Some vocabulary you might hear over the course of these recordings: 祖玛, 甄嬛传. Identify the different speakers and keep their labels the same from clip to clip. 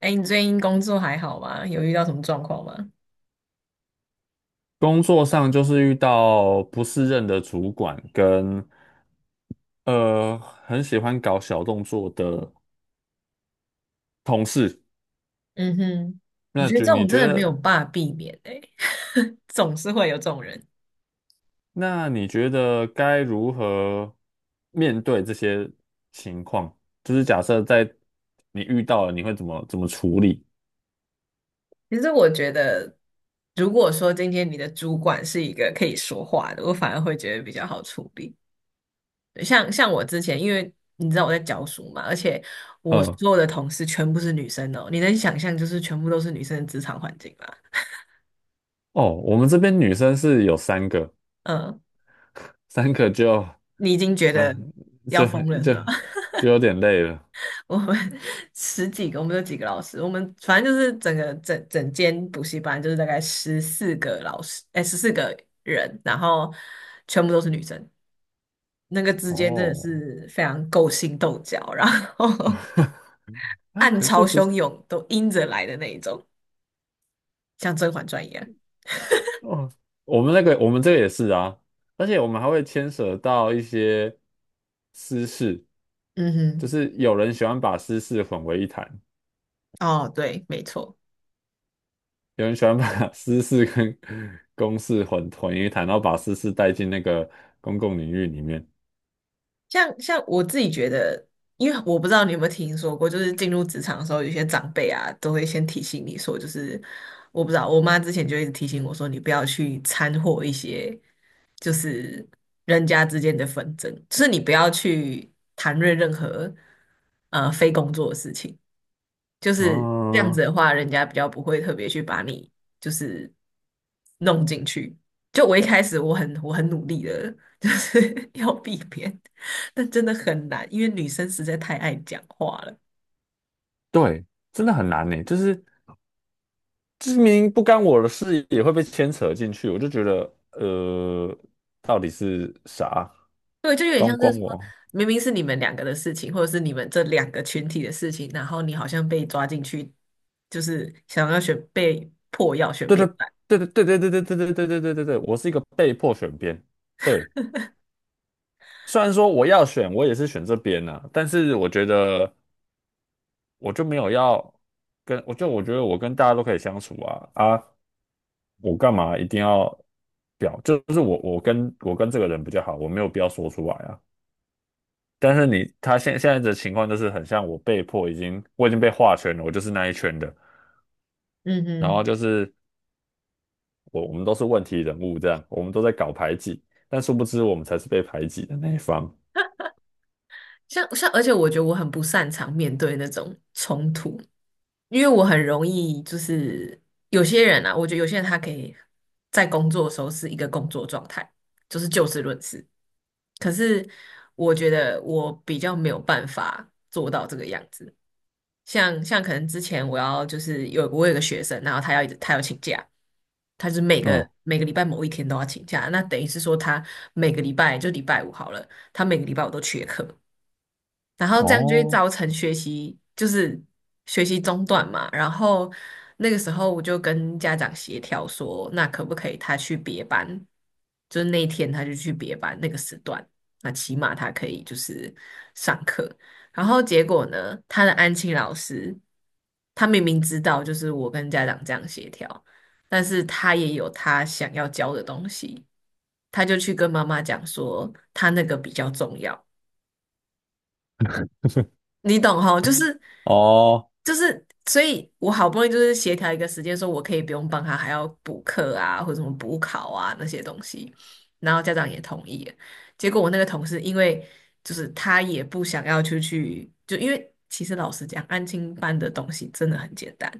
Speaker 1: 哎，你最近工作还好吗？有遇到什么状况吗？
Speaker 2: 工作上就是遇到不适任的主管跟很喜欢搞小动作的同事。
Speaker 1: 嗯哼，我
Speaker 2: 那
Speaker 1: 觉得
Speaker 2: 就
Speaker 1: 这种
Speaker 2: 你
Speaker 1: 真
Speaker 2: 觉
Speaker 1: 的没
Speaker 2: 得，
Speaker 1: 有办法避免哎，总是会有这种人。
Speaker 2: 那你觉得该如何面对这些情况？就是假设在你遇到了，你会怎么处理？
Speaker 1: 其实我觉得，如果说今天你的主管是一个可以说话的，我反而会觉得比较好处理。对，像我之前，因为你知道我在教书嘛，而且我
Speaker 2: 嗯。
Speaker 1: 所有的同事全部是女生哦，你能想象就是全部都是女生的职场环境吗？
Speaker 2: 哦，我们这边女生是有三个，
Speaker 1: 嗯，
Speaker 2: 三个就
Speaker 1: 你已经觉
Speaker 2: 那、
Speaker 1: 得要
Speaker 2: 就
Speaker 1: 疯了是
Speaker 2: 就
Speaker 1: 吧？
Speaker 2: 就有点累了。
Speaker 1: 我们 十几个，我们有几个老师，我们反正就是整个整整间补习班就是大概十四个老师，哎，十四个人，然后全部都是女生，那个之间真的
Speaker 2: 哦，
Speaker 1: 是非常勾心斗角，然后
Speaker 2: 哎，
Speaker 1: 暗
Speaker 2: 可
Speaker 1: 潮
Speaker 2: 是不是。
Speaker 1: 汹涌，都阴着来的那一种，像《甄嬛传》一样。
Speaker 2: 哦，我们那个我们这个也是啊，而且我们还会牵扯到一些私事，就
Speaker 1: 嗯
Speaker 2: 是有人喜欢把私事混为一谈，
Speaker 1: 哼，哦，对，没错。
Speaker 2: 有人喜欢把 私事跟公事混为一谈，然后把私事带进那个公共领域里面。
Speaker 1: 像我自己觉得，因为我不知道你有没有听说过，就是进入职场的时候，有些长辈啊都会先提醒你说，就是我不知道，我妈之前就一直提醒我说，你不要去掺和一些就是人家之间的纷争，就是你不要去谈论任何非工作的事情。就是这样子
Speaker 2: 啊，
Speaker 1: 的话，人家比较不会特别去把你就是弄进去。就我一开始我很努力的，就是 要避免，但真的很难，因为女生实在太爱讲话了。
Speaker 2: 对，真的很难呢，就是知名不干我的事也会被牵扯进去，我就觉得，到底是啥？
Speaker 1: 对，就有点
Speaker 2: 光
Speaker 1: 像是
Speaker 2: 光
Speaker 1: 说，
Speaker 2: 我。
Speaker 1: 明明是你们两个的事情，或者是你们这两个群体的事情，然后你好像被抓进去，就是想要选被迫要选
Speaker 2: 对对
Speaker 1: 边站。
Speaker 2: 对对对，我是一个被迫选边。对，虽然说我要选，我也是选这边呐、但是我觉得我就没有要跟，我觉得我跟大家都可以相处啊啊，我干嘛一定要表？就是我跟这个人比较好，我没有必要说出来啊。但是你他现在的情况就是很像我被迫我已经被划圈了，我就是那一圈的，
Speaker 1: 嗯
Speaker 2: 然后
Speaker 1: 嗯，
Speaker 2: 就是我们都是问题人物，这样我们都在搞排挤，但殊不知我们才是被排挤的那一方。
Speaker 1: 像，而且我觉得我很不擅长面对那种冲突，因为我很容易就是有些人啊，我觉得有些人他可以在工作的时候是一个工作状态，就是就事论事。可是我觉得我比较没有办法做到这个样子。像可能之前我要就是有我有个学生，然后他要一直请假，他是每个
Speaker 2: 嗯。
Speaker 1: 每个礼拜某一天都要请假，那等于是说他每个礼拜就礼拜五好了，他每个礼拜我都缺课，然后这样就会
Speaker 2: 哦。
Speaker 1: 造成学习中断嘛。然后那个时候我就跟家长协调说，那可不可以他去别班？就是那一天他就去别班那个时段，那起码他可以就是上课。然后结果呢，他的安亲老师，他明明知道就是我跟家长这样协调，但是他也有他想要教的东西，他就去跟妈妈讲说他那个比较重要。你懂哈，就是
Speaker 2: 哦。
Speaker 1: 就是，所以我好不容易就是协调一个时间，说我可以不用帮他，还要补课啊，或者什么补考啊那些东西，然后家长也同意了。结果我那个同事，因为就是他也不想要出去，就因为其实老实讲，安亲班的东西真的很简单，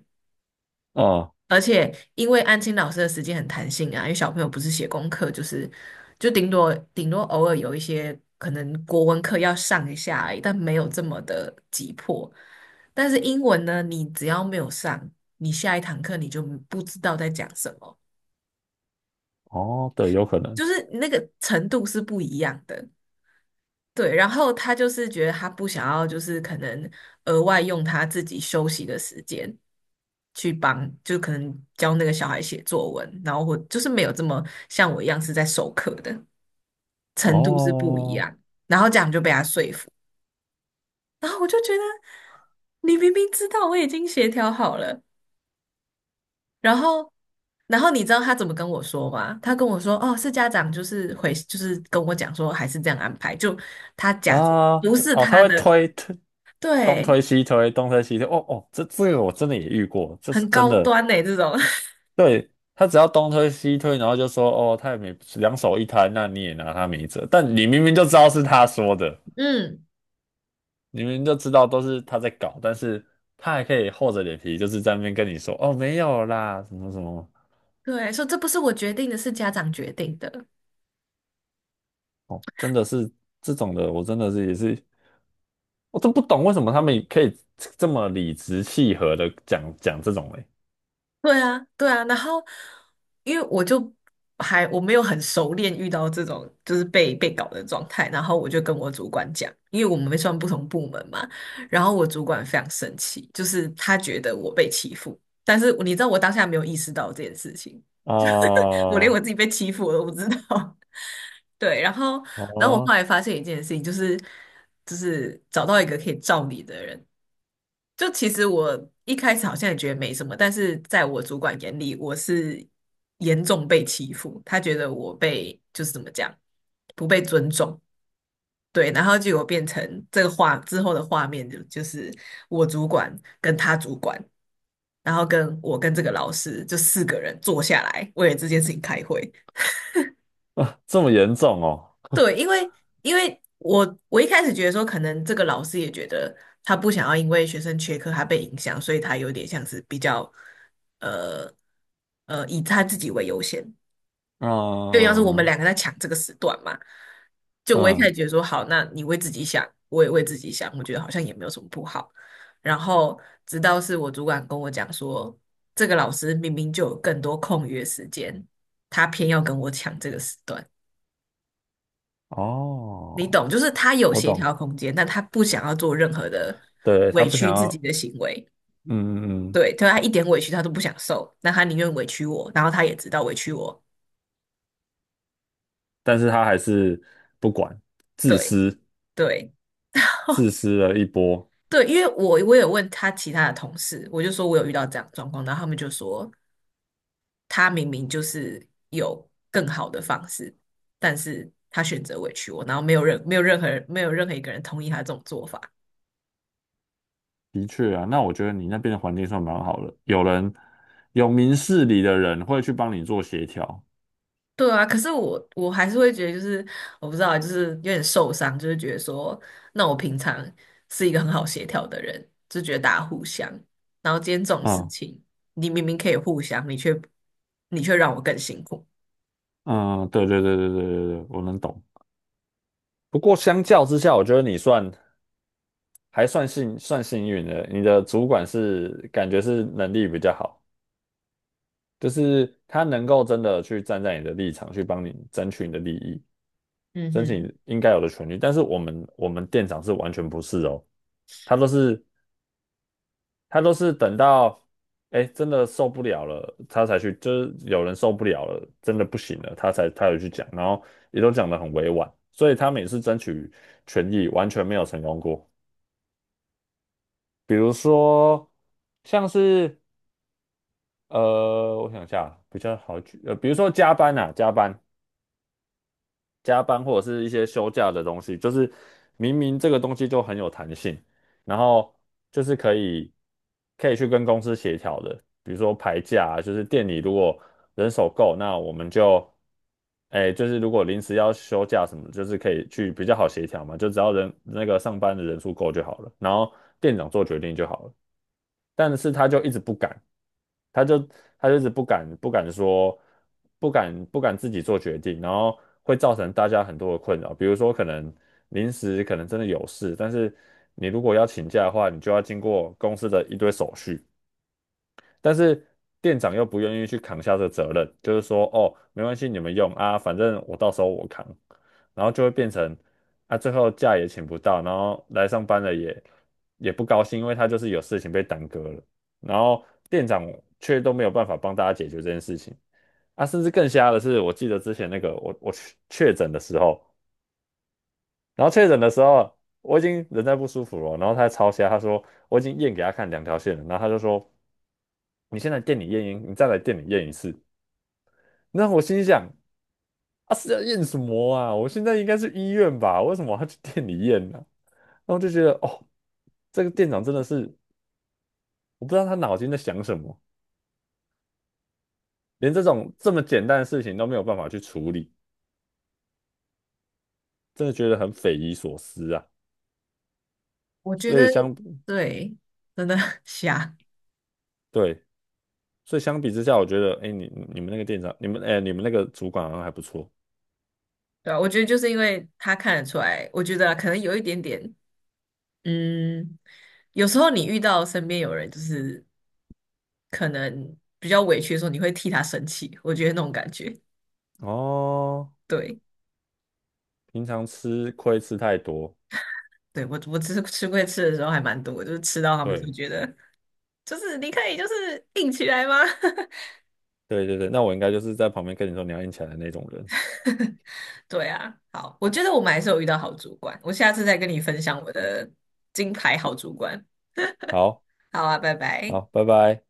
Speaker 2: 嗯。
Speaker 1: 而且因为安亲老师的时间很弹性啊，因为小朋友不是写功课，就是就顶多偶尔有一些可能国文课要上一下而已，但没有这么的急迫。但是英文呢，你只要没有上，你下一堂课你就不知道在讲什么，
Speaker 2: 哦，对，有可能。
Speaker 1: 就是那个程度是不一样的。对，然后他就是觉得他不想要，就是可能额外用他自己休息的时间去帮，就可能教那个小孩写作文，然后或就是没有这么像我一样是在授课的程度是不一
Speaker 2: 哦。
Speaker 1: 样，然后这样就被他说服，然后我就觉得你明明知道我已经协调好了，然后你知道他怎么跟我说吗？他跟我说哦，是家长就是回就是跟我讲说还是这样安排，就他假装
Speaker 2: 啊。
Speaker 1: 不是
Speaker 2: 哦，他
Speaker 1: 他
Speaker 2: 会
Speaker 1: 的。
Speaker 2: 推，东推
Speaker 1: 对，
Speaker 2: 西推，东推西推。哦哦，这个我真的也遇过，就是
Speaker 1: 很
Speaker 2: 真
Speaker 1: 高
Speaker 2: 的。
Speaker 1: 端呢、这种，
Speaker 2: 对，他只要东推西推，然后就说哦，他也没两手一摊，那你也拿他没辙。但你明明就知道是他说的，
Speaker 1: 嗯，
Speaker 2: 明明就知道都是他在搞，但是他还可以厚着脸皮，就是在那边跟你说哦没有啦，什么什么。
Speaker 1: 对，说这不是我决定的，是家长决定的，
Speaker 2: 哦，真的是这种的，我真的是也是，我都不懂为什么他们可以这么理直气和的讲这种嘞。
Speaker 1: 对啊，对啊，然后因为我就我没有很熟练遇到这种就是被搞的状态，然后我就跟我主管讲，因为我们算不同部门嘛，然后我主管非常生气，就是他觉得我被欺负，但是你知道我当下没有意识到这件事情，我连我
Speaker 2: 哦
Speaker 1: 自己被欺负我都不知道。对，然后，然后我后
Speaker 2: 哦，
Speaker 1: 来发现一件事情，就是找到一个可以罩你的人，就其实我一开始好像也觉得没什么，但是在我主管眼里，我是严重被欺负，他觉得我被就是怎么讲，不被尊重。对，然后结果变成这个画之后的画面就是我主管跟他主管，然后跟我跟这个老师就四个人坐下来为了这件事情开会。
Speaker 2: 这么严重哦。
Speaker 1: 对，因为我一开始觉得说，可能这个老师也觉得他不想要因为学生缺课他被影响，所以他有点像是比较呃以他自己为优先，就要是我们
Speaker 2: 嗯
Speaker 1: 两个在抢这个时段嘛。就我一开
Speaker 2: 嗯。
Speaker 1: 始觉得说，好，那你为自己想，我也为自己想，我觉得好像也没有什么不好。然后直到是我主管跟我讲说，这个老师明明就有更多空余的时间，他偏要跟我抢这个时段。你懂，
Speaker 2: 哦，
Speaker 1: 就是他有
Speaker 2: 我
Speaker 1: 协
Speaker 2: 懂。
Speaker 1: 调空间，但他不想要做任何的
Speaker 2: 对，他
Speaker 1: 委
Speaker 2: 不想
Speaker 1: 屈自己
Speaker 2: 要。
Speaker 1: 的行为。
Speaker 2: 嗯嗯嗯。
Speaker 1: 对，对他一点委屈他都不想受，那他宁愿委屈我，然后他也知道委屈我。
Speaker 2: 但是他还是不管，自
Speaker 1: 对，
Speaker 2: 私
Speaker 1: 对，
Speaker 2: 自私了一波。
Speaker 1: 对，因为我有问他其他的同事，我就说我有遇到这样的状况，然后他们就说他明明就是有更好的方式，但是他选择委屈我，然后没有任何人没有任何一个人同意他这种做法。
Speaker 2: 的确啊，那我觉得你那边的环境算蛮好的，有明事理的人会去帮你做协调。
Speaker 1: 对啊，可是我还是会觉得，就是我不知道，就是有点受伤，就是觉得说，那我平常是一个很好协调的人，就觉得大家互相，然后今天这种事
Speaker 2: 嗯
Speaker 1: 情，你明明可以互相，你却让我更辛苦。
Speaker 2: 嗯，对对对，我能懂。不过相较之下，我觉得你算还算算幸运的，你的主管是感觉是能力比较好，就是他能够真的去站在你的立场去帮你争取你的利益，
Speaker 1: 嗯
Speaker 2: 争取
Speaker 1: 哼，
Speaker 2: 你应该有的权利。但是我们店长是完全不是哦，他都是他都是等到，哎，真的受不了了，他才去，就是有人受不了了，真的不行了，他有去讲，然后也都讲得很委婉，所以他每次争取权益完全没有成功过。比如说，像是，我想一下，比较好举，比如说加班啊，加班或者是一些休假的东西，就是明明这个东西就很有弹性，然后就是可以去跟公司协调的，比如说排假啊就是店里如果人手够，那我们就，哎，就是如果临时要休假什么，就是可以去比较好协调嘛，就只要人那个上班的人数够就好了，然后店长做决定就好了，但是他就一直不敢。他就他就是不敢说，不敢自己做决定，然后会造成大家很多的困扰。比如说，可能临时可能真的有事，但是你如果要请假的话，你就要经过公司的一堆手续，但是店长又不愿意去扛下这个责任，就是说哦，没关系，你们用啊，反正我到时候我扛，然后就会变成啊，最后假也请不到，然后来上班了也不高兴，因为他就是有事情被耽搁了，然后店长却都没有办法帮大家解决这件事情啊，甚至更瞎的是，我记得之前那个我确诊的时候，然后确诊的时候。我已经人在不舒服了，然后他还超瞎，他说我已经验给他看两条线了，然后他就说你先来店里验阴，你再来店里验一次。”那我心想：“啊，是要验什么啊？我现在应该是医院吧？为什么我要去店里验呢、然后就觉得哦，这个店长真的是，我不知道他脑筋在想什么，连这种这么简单的事情都没有办法去处理，真的觉得很匪夷所思啊。
Speaker 1: 我觉
Speaker 2: 所以
Speaker 1: 得
Speaker 2: 相，
Speaker 1: 对，真的 瞎，
Speaker 2: 对，所以相比之下，我觉得，哎，你们那个店长，哎，你们那个主管好像还不错
Speaker 1: 对啊，我觉得就是因为他看得出来，我觉得啊可能有一点点，嗯，有时候你遇到身边有人就是可能比较委屈的时候，你会替他生气，我觉得那种感觉。
Speaker 2: 哦。
Speaker 1: 对，
Speaker 2: 平常吃亏吃太多，
Speaker 1: 对，我我吃吃龟吃的时候还蛮多就是吃到他们就
Speaker 2: 对，
Speaker 1: 觉得，就是你可以就是硬起来吗？
Speaker 2: 对，那我应该就是在旁边跟你说你要硬起来的那种人。
Speaker 1: 对啊，好，我觉得我们还是有遇到好主管，我下次再跟你分享我的金牌好主管。
Speaker 2: 好。
Speaker 1: 好啊，拜拜。
Speaker 2: 好，拜拜。